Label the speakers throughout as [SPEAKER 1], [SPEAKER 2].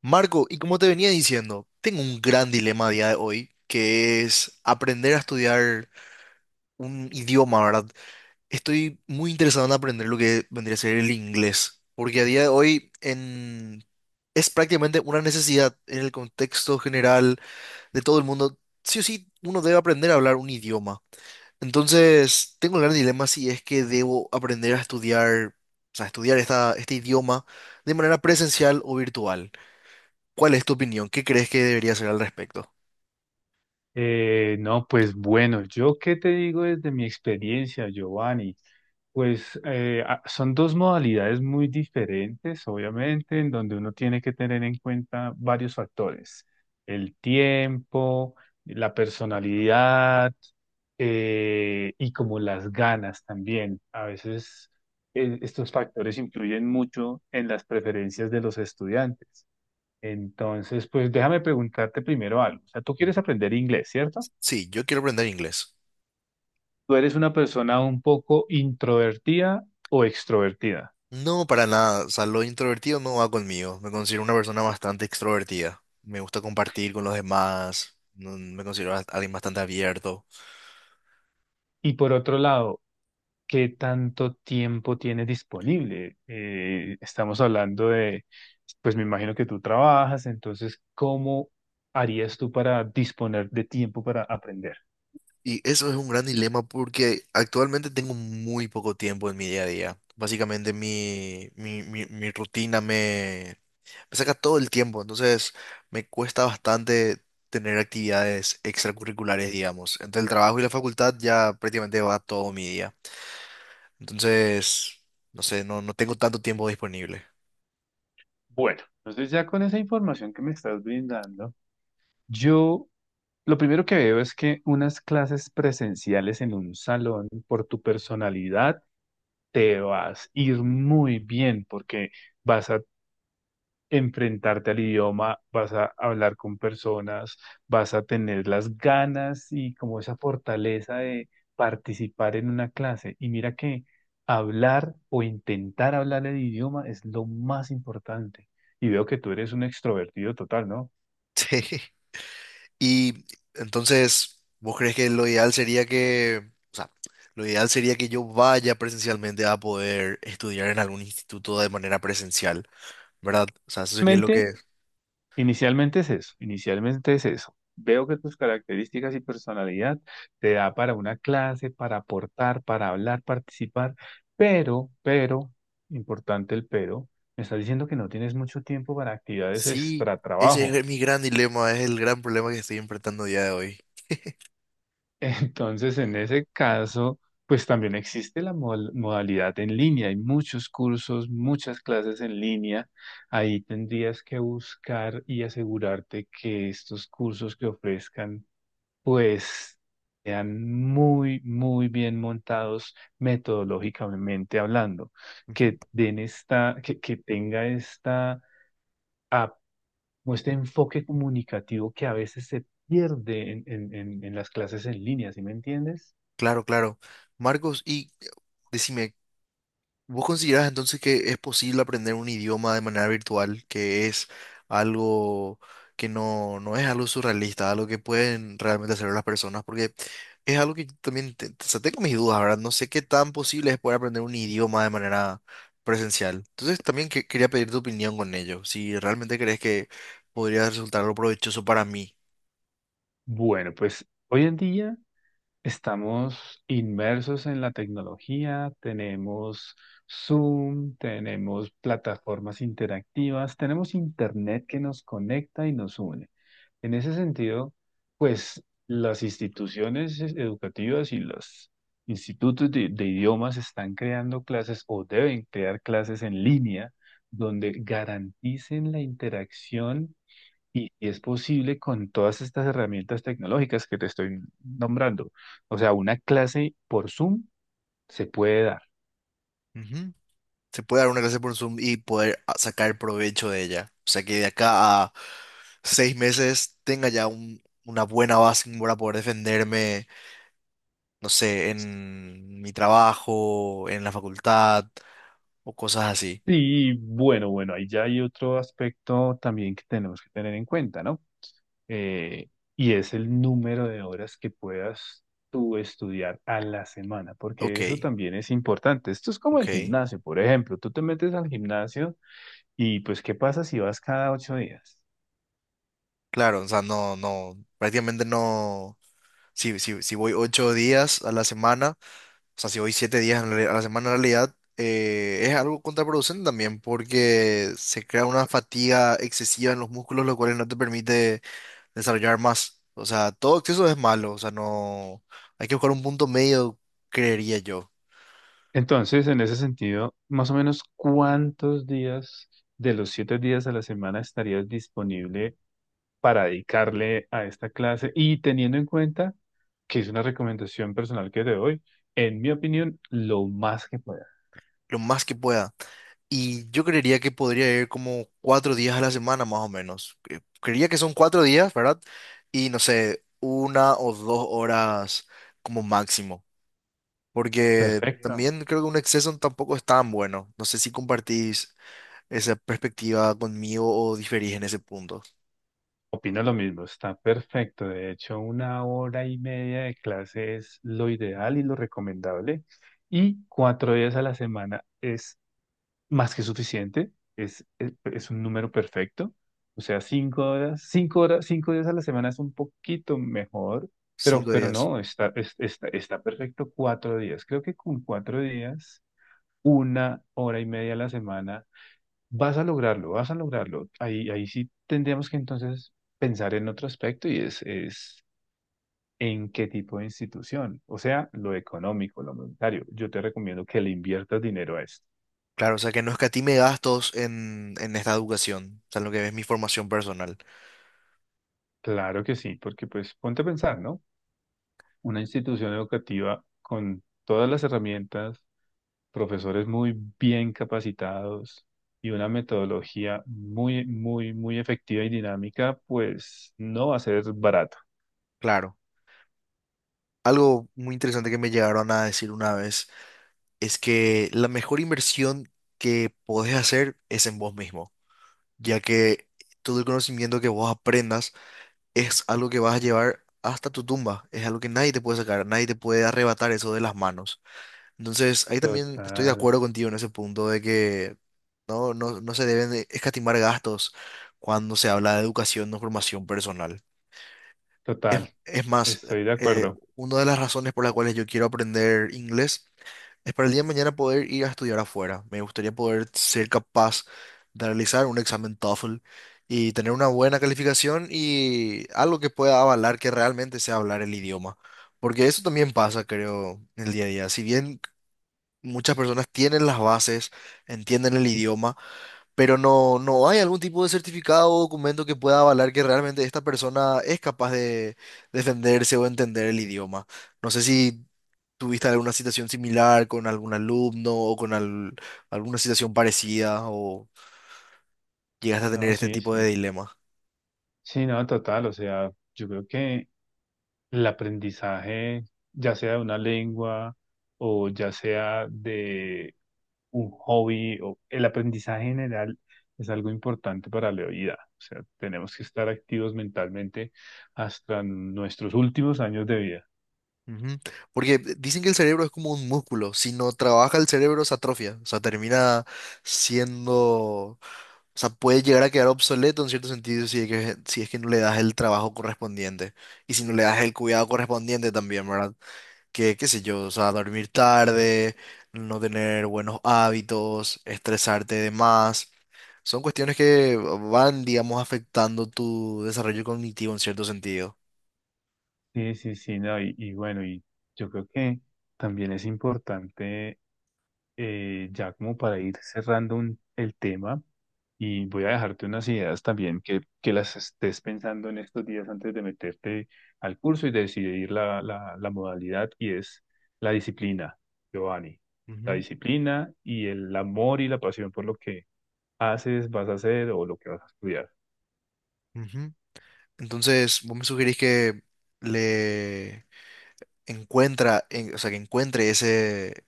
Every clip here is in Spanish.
[SPEAKER 1] Marco, y como te venía diciendo, tengo un gran dilema a día de hoy, que es aprender a estudiar un idioma, ¿verdad? Estoy muy interesado en aprender lo que vendría a ser el inglés, porque a día de hoy es prácticamente una necesidad en el contexto general de todo el mundo. Sí o sí, uno debe aprender a hablar un idioma. Entonces, tengo el gran dilema si es que debo aprender a estudiar, o sea, estudiar este idioma de manera presencial o virtual. ¿Cuál es tu opinión? ¿Qué crees que debería hacer al respecto?
[SPEAKER 2] No, pues bueno, yo qué te digo desde mi experiencia, Giovanni. Son dos modalidades muy diferentes, obviamente, en donde uno tiene que tener en cuenta varios factores, el tiempo, la personalidad y como las ganas también. A veces estos factores influyen mucho en las preferencias de los estudiantes. Entonces, pues déjame preguntarte primero algo. O sea, tú quieres
[SPEAKER 1] Ujú.
[SPEAKER 2] aprender inglés, ¿cierto?
[SPEAKER 1] Sí, yo quiero aprender inglés.
[SPEAKER 2] ¿Tú eres una persona un poco introvertida o extrovertida?
[SPEAKER 1] No, para nada. O sea, lo introvertido no va conmigo. Me considero una persona bastante extrovertida. Me gusta compartir con los demás. Me considero alguien bastante abierto.
[SPEAKER 2] Y por otro lado, ¿qué tanto tiempo tienes disponible? Estamos hablando de, pues me imagino que tú trabajas, entonces, ¿cómo harías tú para disponer de tiempo para aprender?
[SPEAKER 1] Y eso es un gran dilema porque actualmente tengo muy poco tiempo en mi día a día. Básicamente mi rutina me saca todo el tiempo, entonces me cuesta bastante tener actividades extracurriculares, digamos. Entre el trabajo y la facultad ya prácticamente va todo mi día. Entonces, no sé, no, no tengo tanto tiempo disponible.
[SPEAKER 2] Bueno, entonces ya con esa información que me estás brindando, yo lo primero que veo es que unas clases presenciales en un salón, por tu personalidad, te vas a ir muy bien porque vas a enfrentarte al idioma, vas a hablar con personas, vas a tener las ganas y como esa fortaleza de participar en una clase. Y mira que hablar o intentar hablar el idioma es lo más importante. Y veo que tú eres un extrovertido total, ¿no?
[SPEAKER 1] Sí. Y entonces, ¿vos crees que lo ideal sería que, o sea, lo ideal sería que yo vaya presencialmente a poder estudiar en algún instituto de manera presencial, ¿verdad? O sea, eso sería lo
[SPEAKER 2] Realmente
[SPEAKER 1] que...
[SPEAKER 2] Inicialmente es eso, inicialmente es eso. Veo que tus características y personalidad te da para una clase, para aportar, para hablar, participar, pero, importante el pero, me estás diciendo que no tienes mucho tiempo para actividades
[SPEAKER 1] Sí,
[SPEAKER 2] extra
[SPEAKER 1] ese
[SPEAKER 2] trabajo.
[SPEAKER 1] es mi gran dilema, es el gran problema que estoy enfrentando a día de hoy.
[SPEAKER 2] Entonces, en ese caso, pues también existe la modalidad en línea. Hay muchos cursos, muchas clases en línea. Ahí tendrías que buscar y asegurarte que estos cursos que ofrezcan pues sean muy, muy bien montados metodológicamente hablando,
[SPEAKER 1] Ujú.
[SPEAKER 2] que den esta, que tenga esta, ap- o este enfoque comunicativo que a veces se pierde en las clases en línea, ¿sí me entiendes?
[SPEAKER 1] Claro, claro. Marcos, y decime, ¿vos considerás entonces que es posible aprender un idioma de manera virtual, que es algo que no, no es algo surrealista, algo que pueden realmente hacer las personas? Porque es algo que yo también o sea, tengo mis dudas, ¿verdad? No sé qué tan posible es poder aprender un idioma de manera presencial. Entonces también quería pedir tu opinión con ello, si realmente crees que podría resultar algo provechoso para mí.
[SPEAKER 2] Bueno, pues hoy en día estamos inmersos en la tecnología, tenemos Zoom, tenemos plataformas interactivas, tenemos Internet que nos conecta y nos une. En ese sentido, pues las instituciones educativas y los institutos de idiomas están creando clases o deben crear clases en línea donde garanticen la interacción y es posible con todas estas herramientas tecnológicas que te estoy nombrando. O sea, una clase por Zoom se puede dar.
[SPEAKER 1] Ujú. Se puede dar una clase por Zoom y poder sacar provecho de ella. O sea, que de acá a 6 meses tenga ya una buena base como para poder defenderme, no sé, en mi trabajo, en la facultad o cosas así.
[SPEAKER 2] Y bueno, ahí ya hay otro aspecto también que tenemos que tener en cuenta, ¿no? eh, y es el número de horas que puedas tú estudiar a la semana, porque eso
[SPEAKER 1] Ok,
[SPEAKER 2] también es importante. Esto es como el
[SPEAKER 1] ok.
[SPEAKER 2] gimnasio, por ejemplo, tú te metes al gimnasio y pues ¿qué pasa si vas cada ocho días?
[SPEAKER 1] Claro, o sea, no, no, prácticamente no. Si, si, si voy 8 días a la semana, o sea, si voy 7 días a la semana, en realidad es algo contraproducente también, porque se crea una fatiga excesiva en los músculos, lo cual no te permite desarrollar más. O sea, todo exceso es malo, o sea, no. Hay que buscar un punto medio, creería yo.
[SPEAKER 2] Entonces, en ese sentido, más o menos cuántos días de los siete días a la semana estarías disponible para dedicarle a esta clase y teniendo en cuenta que es una recomendación personal que te doy, en mi opinión, lo más que pueda.
[SPEAKER 1] Lo más que pueda. Y yo creería que podría ir como 4 días a la semana más o menos. Creería que son 4 días, ¿verdad? Y no sé, 1 o 2 horas como máximo. Porque
[SPEAKER 2] Perfecto.
[SPEAKER 1] también creo que un exceso tampoco es tan bueno. No sé si compartís esa perspectiva conmigo o diferís en ese punto.
[SPEAKER 2] Opino lo mismo, está perfecto. De hecho, una hora y media de clase es lo ideal y lo recomendable. Y cuatro días a la semana es más que suficiente, es un número perfecto. O sea, cinco horas, cinco horas, cinco días a la semana es un poquito mejor,
[SPEAKER 1] Cinco
[SPEAKER 2] pero
[SPEAKER 1] días.
[SPEAKER 2] no, está perfecto cuatro días. Creo que con cuatro días, una hora y media a la semana vas a lograrlo, vas a lograrlo. Ahí, sí tendríamos que entonces pensar en otro aspecto y es en qué tipo de institución, o sea, lo económico, lo monetario. Yo te recomiendo que le inviertas dinero a esto.
[SPEAKER 1] Claro, o sea que no escatime gastos en esta educación, o sea, en lo que es mi formación personal.
[SPEAKER 2] Claro que sí, porque pues ponte a pensar, ¿no? Una institución educativa con todas las herramientas, profesores muy bien capacitados y una metodología muy efectiva y dinámica, pues no va a ser barato.
[SPEAKER 1] Claro. Algo muy interesante que me llegaron a decir una vez. Es que la mejor inversión que podés hacer es en vos mismo, ya que todo el conocimiento que vos aprendas es algo que vas a llevar hasta tu tumba, es algo que nadie te puede sacar, nadie te puede arrebatar eso de las manos. Entonces, ahí también estoy de
[SPEAKER 2] Total.
[SPEAKER 1] acuerdo contigo en ese punto de que no, no, no se deben de escatimar gastos cuando se habla de educación o formación personal.
[SPEAKER 2] Total,
[SPEAKER 1] Es más,
[SPEAKER 2] estoy de
[SPEAKER 1] eh,
[SPEAKER 2] acuerdo.
[SPEAKER 1] una de las razones por las cuales yo quiero aprender inglés es para el día de mañana poder ir a estudiar afuera. Me gustaría poder ser capaz de realizar un examen TOEFL y tener una buena calificación y algo que pueda avalar que realmente sea hablar el idioma. Porque eso también pasa, creo, en el día a día. Si bien muchas personas tienen las bases, entienden el idioma, pero no, no hay algún tipo de certificado o documento que pueda avalar que realmente esta persona es capaz de defenderse o entender el idioma. No sé si tuviste alguna situación similar con algún alumno o con alguna situación parecida o llegaste a tener
[SPEAKER 2] No,
[SPEAKER 1] este
[SPEAKER 2] sí,
[SPEAKER 1] tipo de
[SPEAKER 2] sí.
[SPEAKER 1] dilema.
[SPEAKER 2] Sí, no, total. O sea, yo creo que el aprendizaje, ya sea de una lengua o ya sea de un hobby, o el aprendizaje general es algo importante para la vida. O sea, tenemos que estar activos mentalmente hasta nuestros últimos años de vida.
[SPEAKER 1] Ujú. Porque dicen que el cerebro es como un músculo, si no trabaja el cerebro se atrofia, o sea, termina siendo. O sea, puede llegar a quedar obsoleto en cierto sentido si es que, no le das el trabajo correspondiente y si no le das el cuidado correspondiente también, ¿verdad? Que, qué sé yo, o sea, dormir tarde, no tener buenos hábitos, estresarte de más. Son cuestiones que van, digamos, afectando tu desarrollo cognitivo en cierto sentido.
[SPEAKER 2] Sí, sí, sí, no, y bueno, y yo creo que también es importante, ya como para ir cerrando el tema. Y voy a dejarte unas ideas también que las estés pensando en estos días antes de meterte al curso y decidir la modalidad y es la disciplina, Giovanni. La
[SPEAKER 1] Ujú,
[SPEAKER 2] disciplina y el amor y la pasión por lo que haces, vas a hacer o lo que vas a estudiar.
[SPEAKER 1] ujú. Entonces, vos me sugerís que le o sea, que encuentre ese,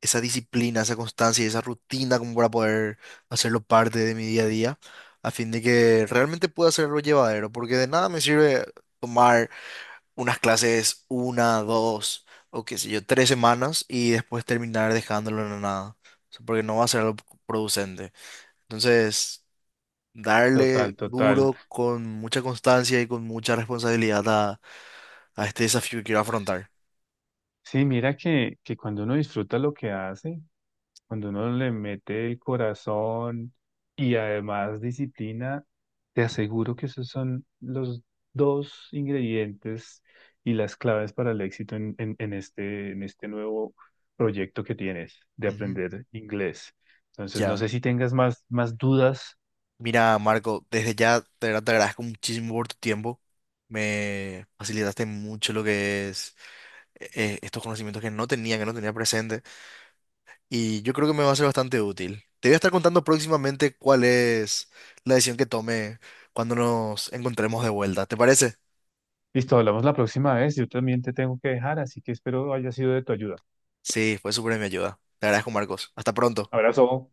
[SPEAKER 1] esa disciplina, esa constancia y esa rutina como para poder hacerlo parte de mi día a día, a fin de que realmente pueda hacerlo llevadero, porque de nada me sirve tomar unas clases una, dos o qué sé yo, 3 semanas y después terminar dejándolo en la nada. O sea, porque no va a ser algo producente. Entonces, darle
[SPEAKER 2] Total, total.
[SPEAKER 1] duro con mucha constancia y con mucha responsabilidad a este desafío que quiero afrontar.
[SPEAKER 2] Sí, mira que cuando uno disfruta lo que hace, cuando uno le mete el corazón y además disciplina, te aseguro que esos son los dos ingredientes y las claves para el éxito en este, en este nuevo proyecto que tienes de
[SPEAKER 1] Ujú.
[SPEAKER 2] aprender inglés. Entonces, no
[SPEAKER 1] Ya.
[SPEAKER 2] sé si tengas más dudas.
[SPEAKER 1] Mira, Marco, desde ya te agradezco muchísimo por tu tiempo. Me facilitaste mucho lo que es estos conocimientos que no tenía presente. Y yo creo que me va a ser bastante útil. Te voy a estar contando próximamente cuál es la decisión que tome cuando nos encontremos de vuelta. ¿Te parece?
[SPEAKER 2] Listo, hablamos la próxima vez. Yo también te tengo que dejar, así que espero haya sido de tu ayuda.
[SPEAKER 1] Sí, fue súper de mi ayuda. Te agradezco, Marcos. Hasta pronto.
[SPEAKER 2] Abrazo.